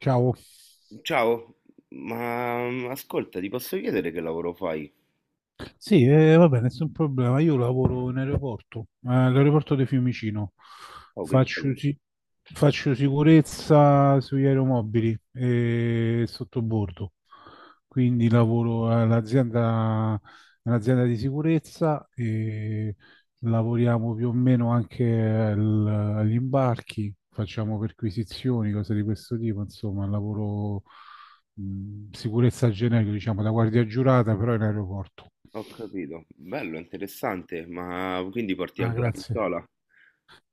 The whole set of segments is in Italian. Ciao. Ciao, ma ascolta, ti posso chiedere che lavoro fai? Sì, vabbè, nessun problema. Io lavoro in aeroporto, all'aeroporto di Fiumicino. Oh, che Faccio, bello. si- Faccio sicurezza sugli aeromobili e sottobordo. Quindi lavoro all'azienda, all'azienda di sicurezza e lavoriamo più o meno agli imbarchi, facciamo perquisizioni, cose di questo tipo, insomma, lavoro sicurezza generica, diciamo, da guardia giurata, però in aeroporto. Ho capito. Bello, interessante, ma quindi porti Ah, anche la grazie. pistola?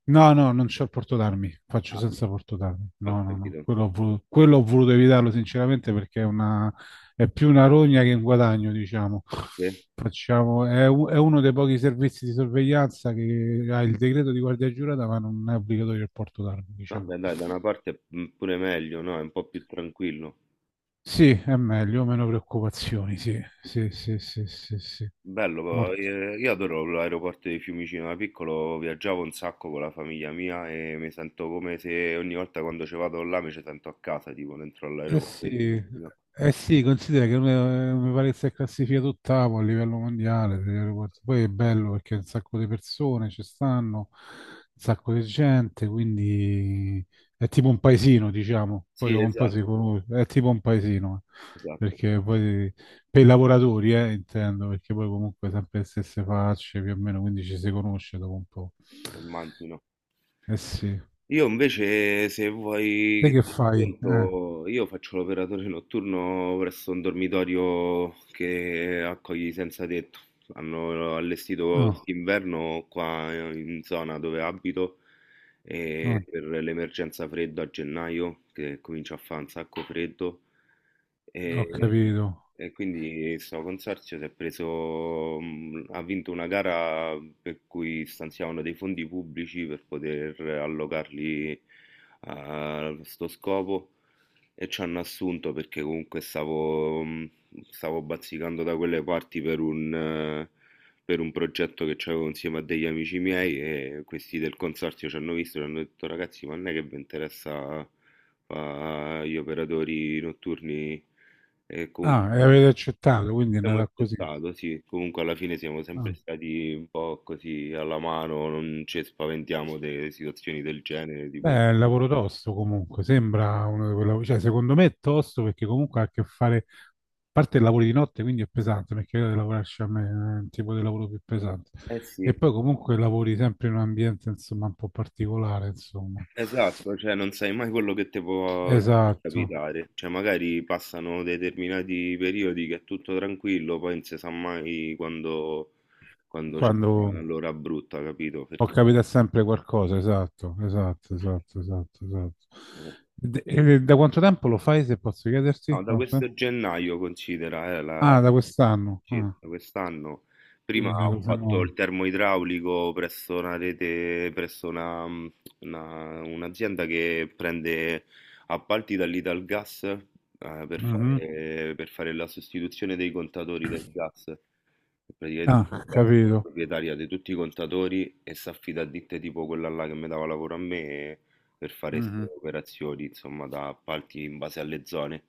No, no, non c'ho il portodarmi, faccio Ah, senza portodarmi. ho No, no, no, capito. Quello ho voluto evitarlo sinceramente perché è una, è più una rogna che un guadagno, diciamo. Sì. È uno dei pochi servizi di sorveglianza che ha il decreto di guardia giurata, ma non è obbligatorio il portodarmi, diciamo. Vabbè, dai, da una parte pure meglio, no? È un po' più tranquillo. Sì, è meglio, meno preoccupazioni, sì, sì, sì, sì, sì, sì. Bello, però, io adoro l'aeroporto di Fiumicino, da piccolo viaggiavo un sacco con la famiglia mia e mi sento come se ogni volta quando ci vado là mi ci sento a casa, tipo dentro Eh all'aeroporto sì, di Fiumicino. eh sì, mi pare che sia classificato ottavo a livello mondiale, se riguardi- poi è bello perché un sacco di persone ci stanno, un sacco di gente, quindi è tipo un paesino, diciamo, poi Sì, dopo un po' esatto, si conosce, è tipo un paesino, esatto, perché poi per i lavoratori, intendo, perché poi comunque sempre le stesse facce, più o meno, quindi ci si conosce dopo un po'. immagino. Eh sì, Io invece, se vuoi te che che ti fai? Racconto, io faccio l'operatore notturno presso un dormitorio che accoglie i senza tetto. Hanno allestito Ah, quest'inverno qua in zona dove abito ah, e per l'emergenza freddo a gennaio, che comincia a fare un sacco freddo. ho E capito. e quindi sto consorzio si è preso, ha vinto una gara per cui stanziavano dei fondi pubblici per poter allocarli a sto scopo e ci hanno assunto perché comunque stavo bazzicando da quelle parti per un progetto che avevo insieme a degli amici miei e questi del consorzio ci hanno visto e ci hanno detto ragazzi ma non è che vi interessa fare gli operatori notturni e comunque Ah, e avete accettato, quindi è abbiamo andata così. accettato, sì, comunque alla fine siamo sempre Ah, stati un po' così alla mano, non ci spaventiamo delle situazioni del genere, beh, tipo... è un lavoro tosto comunque, sembra uno di quei lavori, cioè secondo me è tosto perché comunque ha a che fare, a parte il lavoro di notte, quindi è pesante, perché io devo lavorarci a me, è un tipo di lavoro più pesante. Eh E sì, poi comunque lavori sempre in un ambiente, insomma, un po' particolare, insomma. esatto, cioè non sai mai quello che ti può Esatto, capitare, cioè magari passano determinati periodi che è tutto tranquillo, poi non si sa mai quando c'è stata quando l'ora brutta, capito? ho Perché... capito sempre qualcosa, esatto, esatto, esatto, esatto, esatto. eh, E da quanto tempo lo fai, se posso No, chiederti? da No, sì? questo gennaio considera, la... Ah, da quest'anno. Sì, Ah, da quest'anno. Prima quindi una ho cosa fatto nuova. il termoidraulico presso una rete, presso una- un'azienda che prende appalti dall'Italgas, per Mhm. fare, per fare la sostituzione dei contatori del gas. E praticamente Ah, ho il gas è la capito. proprietaria di tutti i contatori e si affida a ditte tipo quella là che mi dava lavoro a me per fare Mhm. queste operazioni, insomma, da appalti in base alle zone.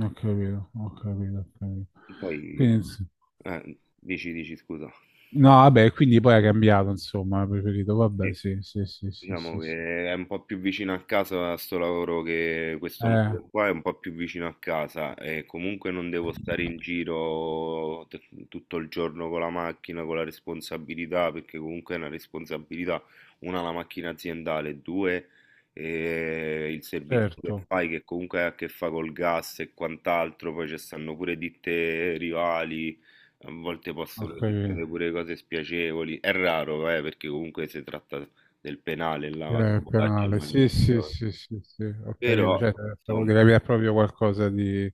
Ho capito, ho capito, ho capito. Poi, Quindi, ins- dici, dici, scusa. no, vabbè, quindi poi ha cambiato, insomma, ha preferito. Vabbè, Sì. sì, sì, sì, sì, Diciamo sì, sì. che è un po' più vicino a casa sto lavoro che questo Eh, nuovo qua è un po' più vicino a casa e comunque non devo stare in giro tutto il giorno con la macchina, con la responsabilità, perché comunque è una responsabilità, una la macchina aziendale, due il servizio che certo, fai che comunque ha a che fare col gas e quant'altro, poi ci stanno pure ditte rivali. A volte ho possono succedere capito. pure cose spiacevoli, è raro, perché comunque si tratta del penale là, Il sabotaggio e penale, sì, sì, manutenzione. sì, sì, sì, ho capito. Però Cioè, stavo insomma, di capire proprio qualcosa di...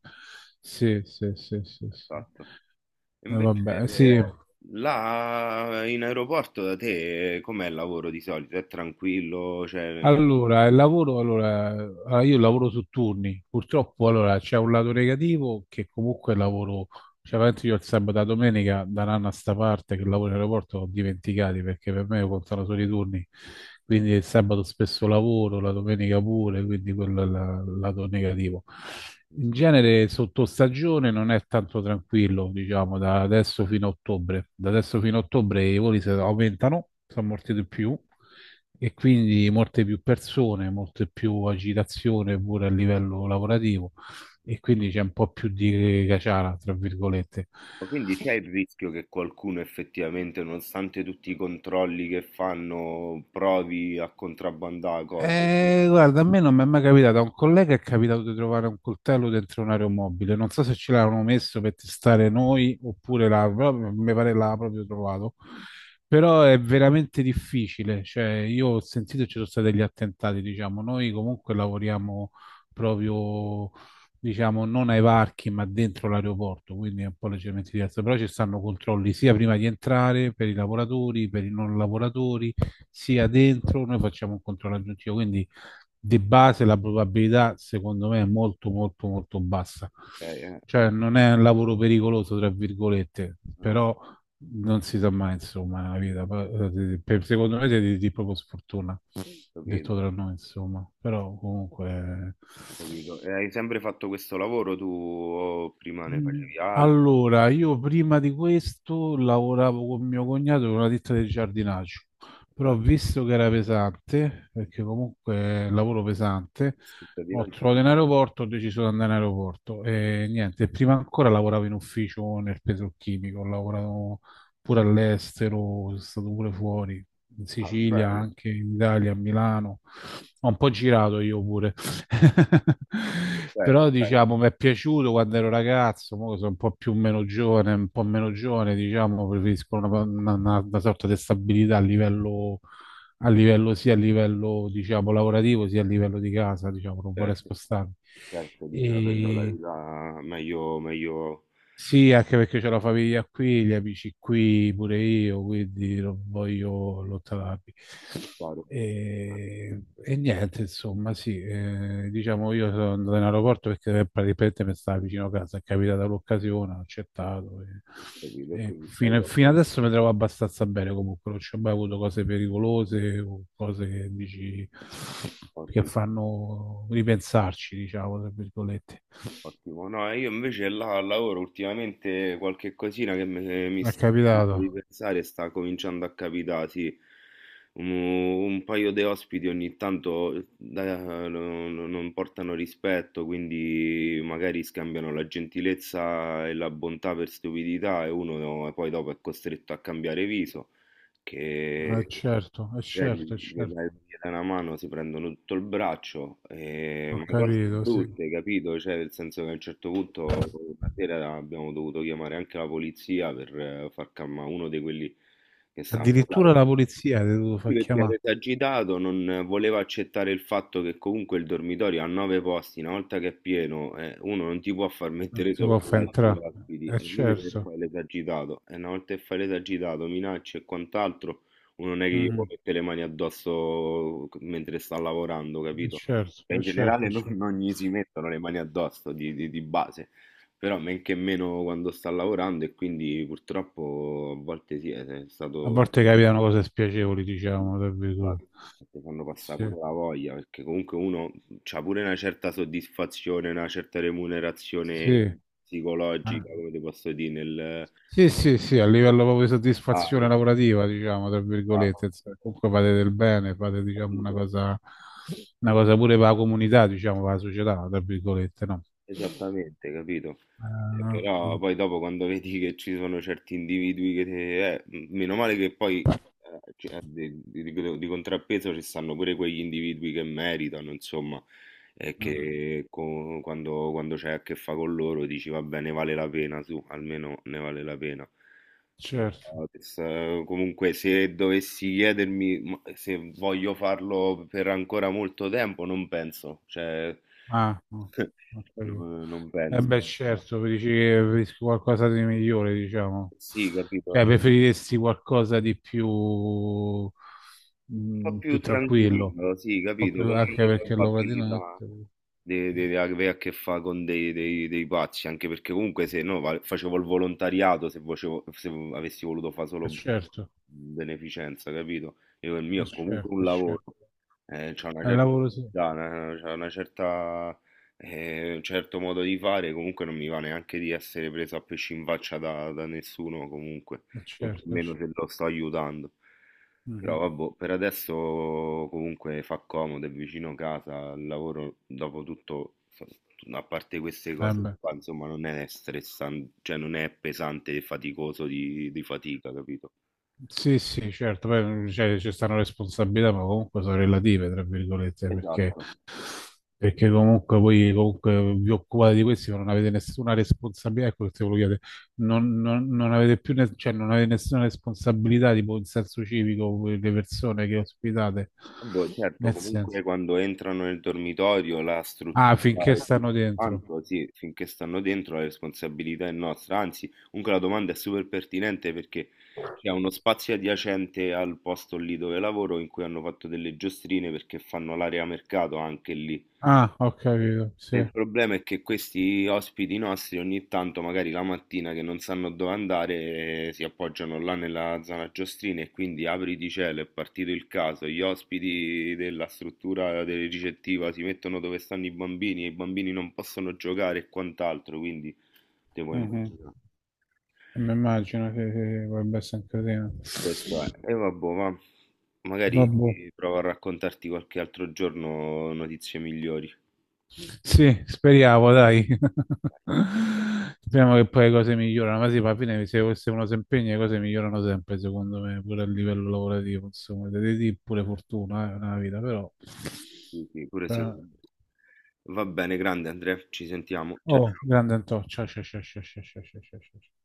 Sì, sì, sì, sì, sì. esatto. Invece Vabbè, sì, là in aeroporto da te com'è il lavoro di solito? È tranquillo, cioè, allora, il lavoro, allora, allora, io lavoro su turni, purtroppo allora, c'è un lato negativo che comunque è lavoro cioè, veramente io il sabato e la domenica, da un anno a sta parte che lavoro in aeroporto, ho dimenticati perché per me contano solo i turni. Quindi il sabato spesso lavoro, la domenica pure, quindi quello è lato negativo. In genere sotto stagione non è tanto tranquillo, diciamo, da adesso fino a ottobre. Da adesso fino a ottobre i voli si aumentano, sono molti di più e quindi molte più persone, molte più agitazione pure a livello lavorativo e quindi c'è un po' più di caciara, tra virgolette. ma quindi c'è il rischio che qualcuno effettivamente, nonostante tutti i controlli che fanno, provi a contrabbandare cose? Ok, Guarda, a me non mi è mai capitato. A un collega è capitato di trovare un coltello dentro un aeromobile. Non so se ce l'avevano messo per testare noi oppure là, però mi pare l'ha proprio trovato. Però è veramente difficile. Cioè, io ho sentito che ci sono stati degli attentati, diciamo. Noi comunque lavoriamo proprio, diciamo, non ai varchi, ma dentro l'aeroporto, quindi è un po' leggermente diverso. Però ci stanno controlli sia prima di entrare per i lavoratori, per i non lavoratori sia dentro, noi facciamo un controllo aggiuntivo, quindi di base la probabilità secondo me è molto molto molto bassa. Non ho Cioè non è capito, un lavoro pericoloso, tra virgolette, non però non si sa mai, insomma, la vita. Secondo me siete di proprio sfortuna, detto ho tra noi, insomma, però comunque capito. E hai sempre fatto questo lavoro tu o prima ne Mm, facevi altri? allora, io prima di questo lavoravo con mio cognato in una ditta di giardinaggio, Beh. però visto che era pesante, perché comunque è un lavoro pesante, Cittadino ho Gesù. trovato in aeroporto, ho deciso di andare in aeroporto e niente, prima ancora lavoravo in ufficio nel petrolchimico, ho lavorato pure all'estero, sono stato pure fuori, in Ah, Sicilia, bello, anche in Italia, a Milano, ho un po' girato io pure. bene, Però bene, diciamo, mi è piaciuto quando ero ragazzo, mo che sono un po' più meno giovane, un po' meno giovane, diciamo, preferisco una sorta di stabilità a livello, sia a livello, diciamo, lavorativo, sia a livello di casa, diciamo, non vorrei certo, spostarmi. certo, diceva prendo la E vita meglio, meglio, sì, anche perché c'ho la famiglia qui, gli amici qui, pure io, quindi non voglio lottarmi. claro. Ho E niente, insomma, sì, diciamo io sono andato in aeroporto perché praticamente mi stava vicino a casa, è capitata l'occasione, ho accettato. capito, E quindi stai fino con adesso mi trovo abbastanza bene comunque, non ci ho mai avuto cose pericolose o cose che dici che ottimo. fanno ripensarci, diciamo, tra virgolette. Ottimo, no, io invece là al lavoro ultimamente qualche cosina che mi Mi è sta facendo capitato. ripensare sta cominciando a capitare, sì. Un paio di ospiti ogni tanto non portano rispetto, quindi magari scambiano la gentilezza e la bontà per stupidità e uno poi dopo è costretto a cambiare viso, Eh che... certo, eh Cioè, gli certo, eh gli certo, dai gli dai una mano, si prendono tutto il braccio, ho ma cose, sì, capito, sì. brutte, capito? Cioè, nel senso che a un certo punto una sera abbiamo dovuto chiamare anche la polizia per far calmare uno di quelli che stavano Addirittura là. la polizia ti devo Sì, far perché era chiamare, esagitato, non voleva accettare il fatto che comunque il dormitorio ha nove posti, una volta che è pieno, uno non ti può far non mettere si può sopra gli far altri entrare. ospiti, Eh e lui che certo, fa l'esagitato, e una volta che fai l'esagitato, minacce e quant'altro, uno non è che gli può mhm, mettere le mani addosso mentre sta lavorando, eh capito? Cioè, certo, in eh certo, generale eh non, certo. non gli si mettono le mani addosso di base, però men che meno quando sta lavorando e quindi purtroppo a volte sì, è A stato. volte capitano cose spiacevoli, Capito? diciamo, tra virgolette. Esatto. Ti fanno passare Sì, pure la voglia, perché comunque uno c'ha pure una certa soddisfazione, una certa sì, remunerazione eh. psicologica, come ti posso dire, nel... Sì, sì, sì, a livello proprio di Ah, soddisfazione lavorativa, diciamo, tra ah, virgolette, insomma, comunque fate del bene, fate, diciamo, capito? Una cosa pure per la comunità, diciamo, per la società, tra virgolette, no? Esattamente, capito? Però Eh, poi dopo quando vedi che ci sono certi individui che meno male che poi di contrappeso ci stanno pure quegli individui che meritano, insomma, e mhm, che quando c'è a che fa con loro dici va bene, vale la pena, su, almeno ne vale la pena. certo. Però, comunque se dovessi chiedermi ma se voglio farlo per ancora molto tempo, non penso, cioè, Ah, no, ho capito. no, non Eh penso. beh, No. certo, dici che preferisci qualcosa di migliore, diciamo. Sì, capito. Cioè, Un preferiresti qualcosa di più, po' mm, più più tranquillo, tranquillo, sì, o capito, più- con anche meno perché lavora di probabilità notte. Di avere a che fare con dei pazzi, anche perché comunque se no facevo il volontariato se avessi voluto fare È solo certo, beneficenza, capito? Io il è mio è comunque un certo, è lavoro, certo. C'è una È il certa, lavoro, sì, età, c'ha una certa, un certo modo di fare, comunque non mi va neanche di essere preso a pesci in faccia da nessuno, comunque, è certo, è nemmeno certo. se lo sto aiutando. Mhm. Però vabbè, per adesso comunque fa comodo, è vicino casa, il lavoro dopo tutto, a parte queste Eh cose beh, qua, insomma, non è stressante, cioè non è pesante e faticoso di fatica, capito? sì, sì, certo, poi cioè, ci stanno responsabilità, ma comunque sono relative, tra virgolette, perché Esatto. perché comunque voi comunque vi occupate di questi, ma non avete nessuna responsabilità, ecco che se volevo chiedere, non avete più, cioè non avete nessuna responsabilità, tipo in senso civico, voi, le persone che ospitate, Boh, certo, nel senso, comunque quando entrano nel dormitorio, la ah, struttura finché e stanno tutto dentro. quanto, sì, finché stanno dentro la responsabilità è nostra. Anzi, comunque la domanda è super pertinente perché c'è uno spazio adiacente al posto lì dove lavoro in cui hanno fatto delle giostrine perché fanno l'area mercato anche lì. Ah, ho capito, E sì. il problema è che questi ospiti nostri ogni tanto, magari la mattina che non sanno dove andare, si appoggiano là nella zona Giostrina e quindi apri di cielo, è partito il caso, gli ospiti della struttura del ricettiva si mettono dove stanno i bambini e i bambini non possono giocare e quant'altro, quindi te puoi Mhm. immaginare. E mi immagino che potrebbe essere un casino. Questo è. E vabbè, ma magari Vabbè. provo a raccontarti qualche altro giorno notizie migliori. Sì, speriamo, dai. Speriamo che poi le cose migliorano, ma sì, alla fine se uno si impegna le cose migliorano sempre, secondo me, pure a livello lavorativo, insomma, deve dire pure fortuna, nella vita, però... Sì, sì, pure però- secondo me. Va bene, grande Andrea, ci sentiamo. Ciao, Oh, ciao. grande Antonio, ciao, ciao, ciao, ciao, ciao, ciao, ciao, ciao, ciao.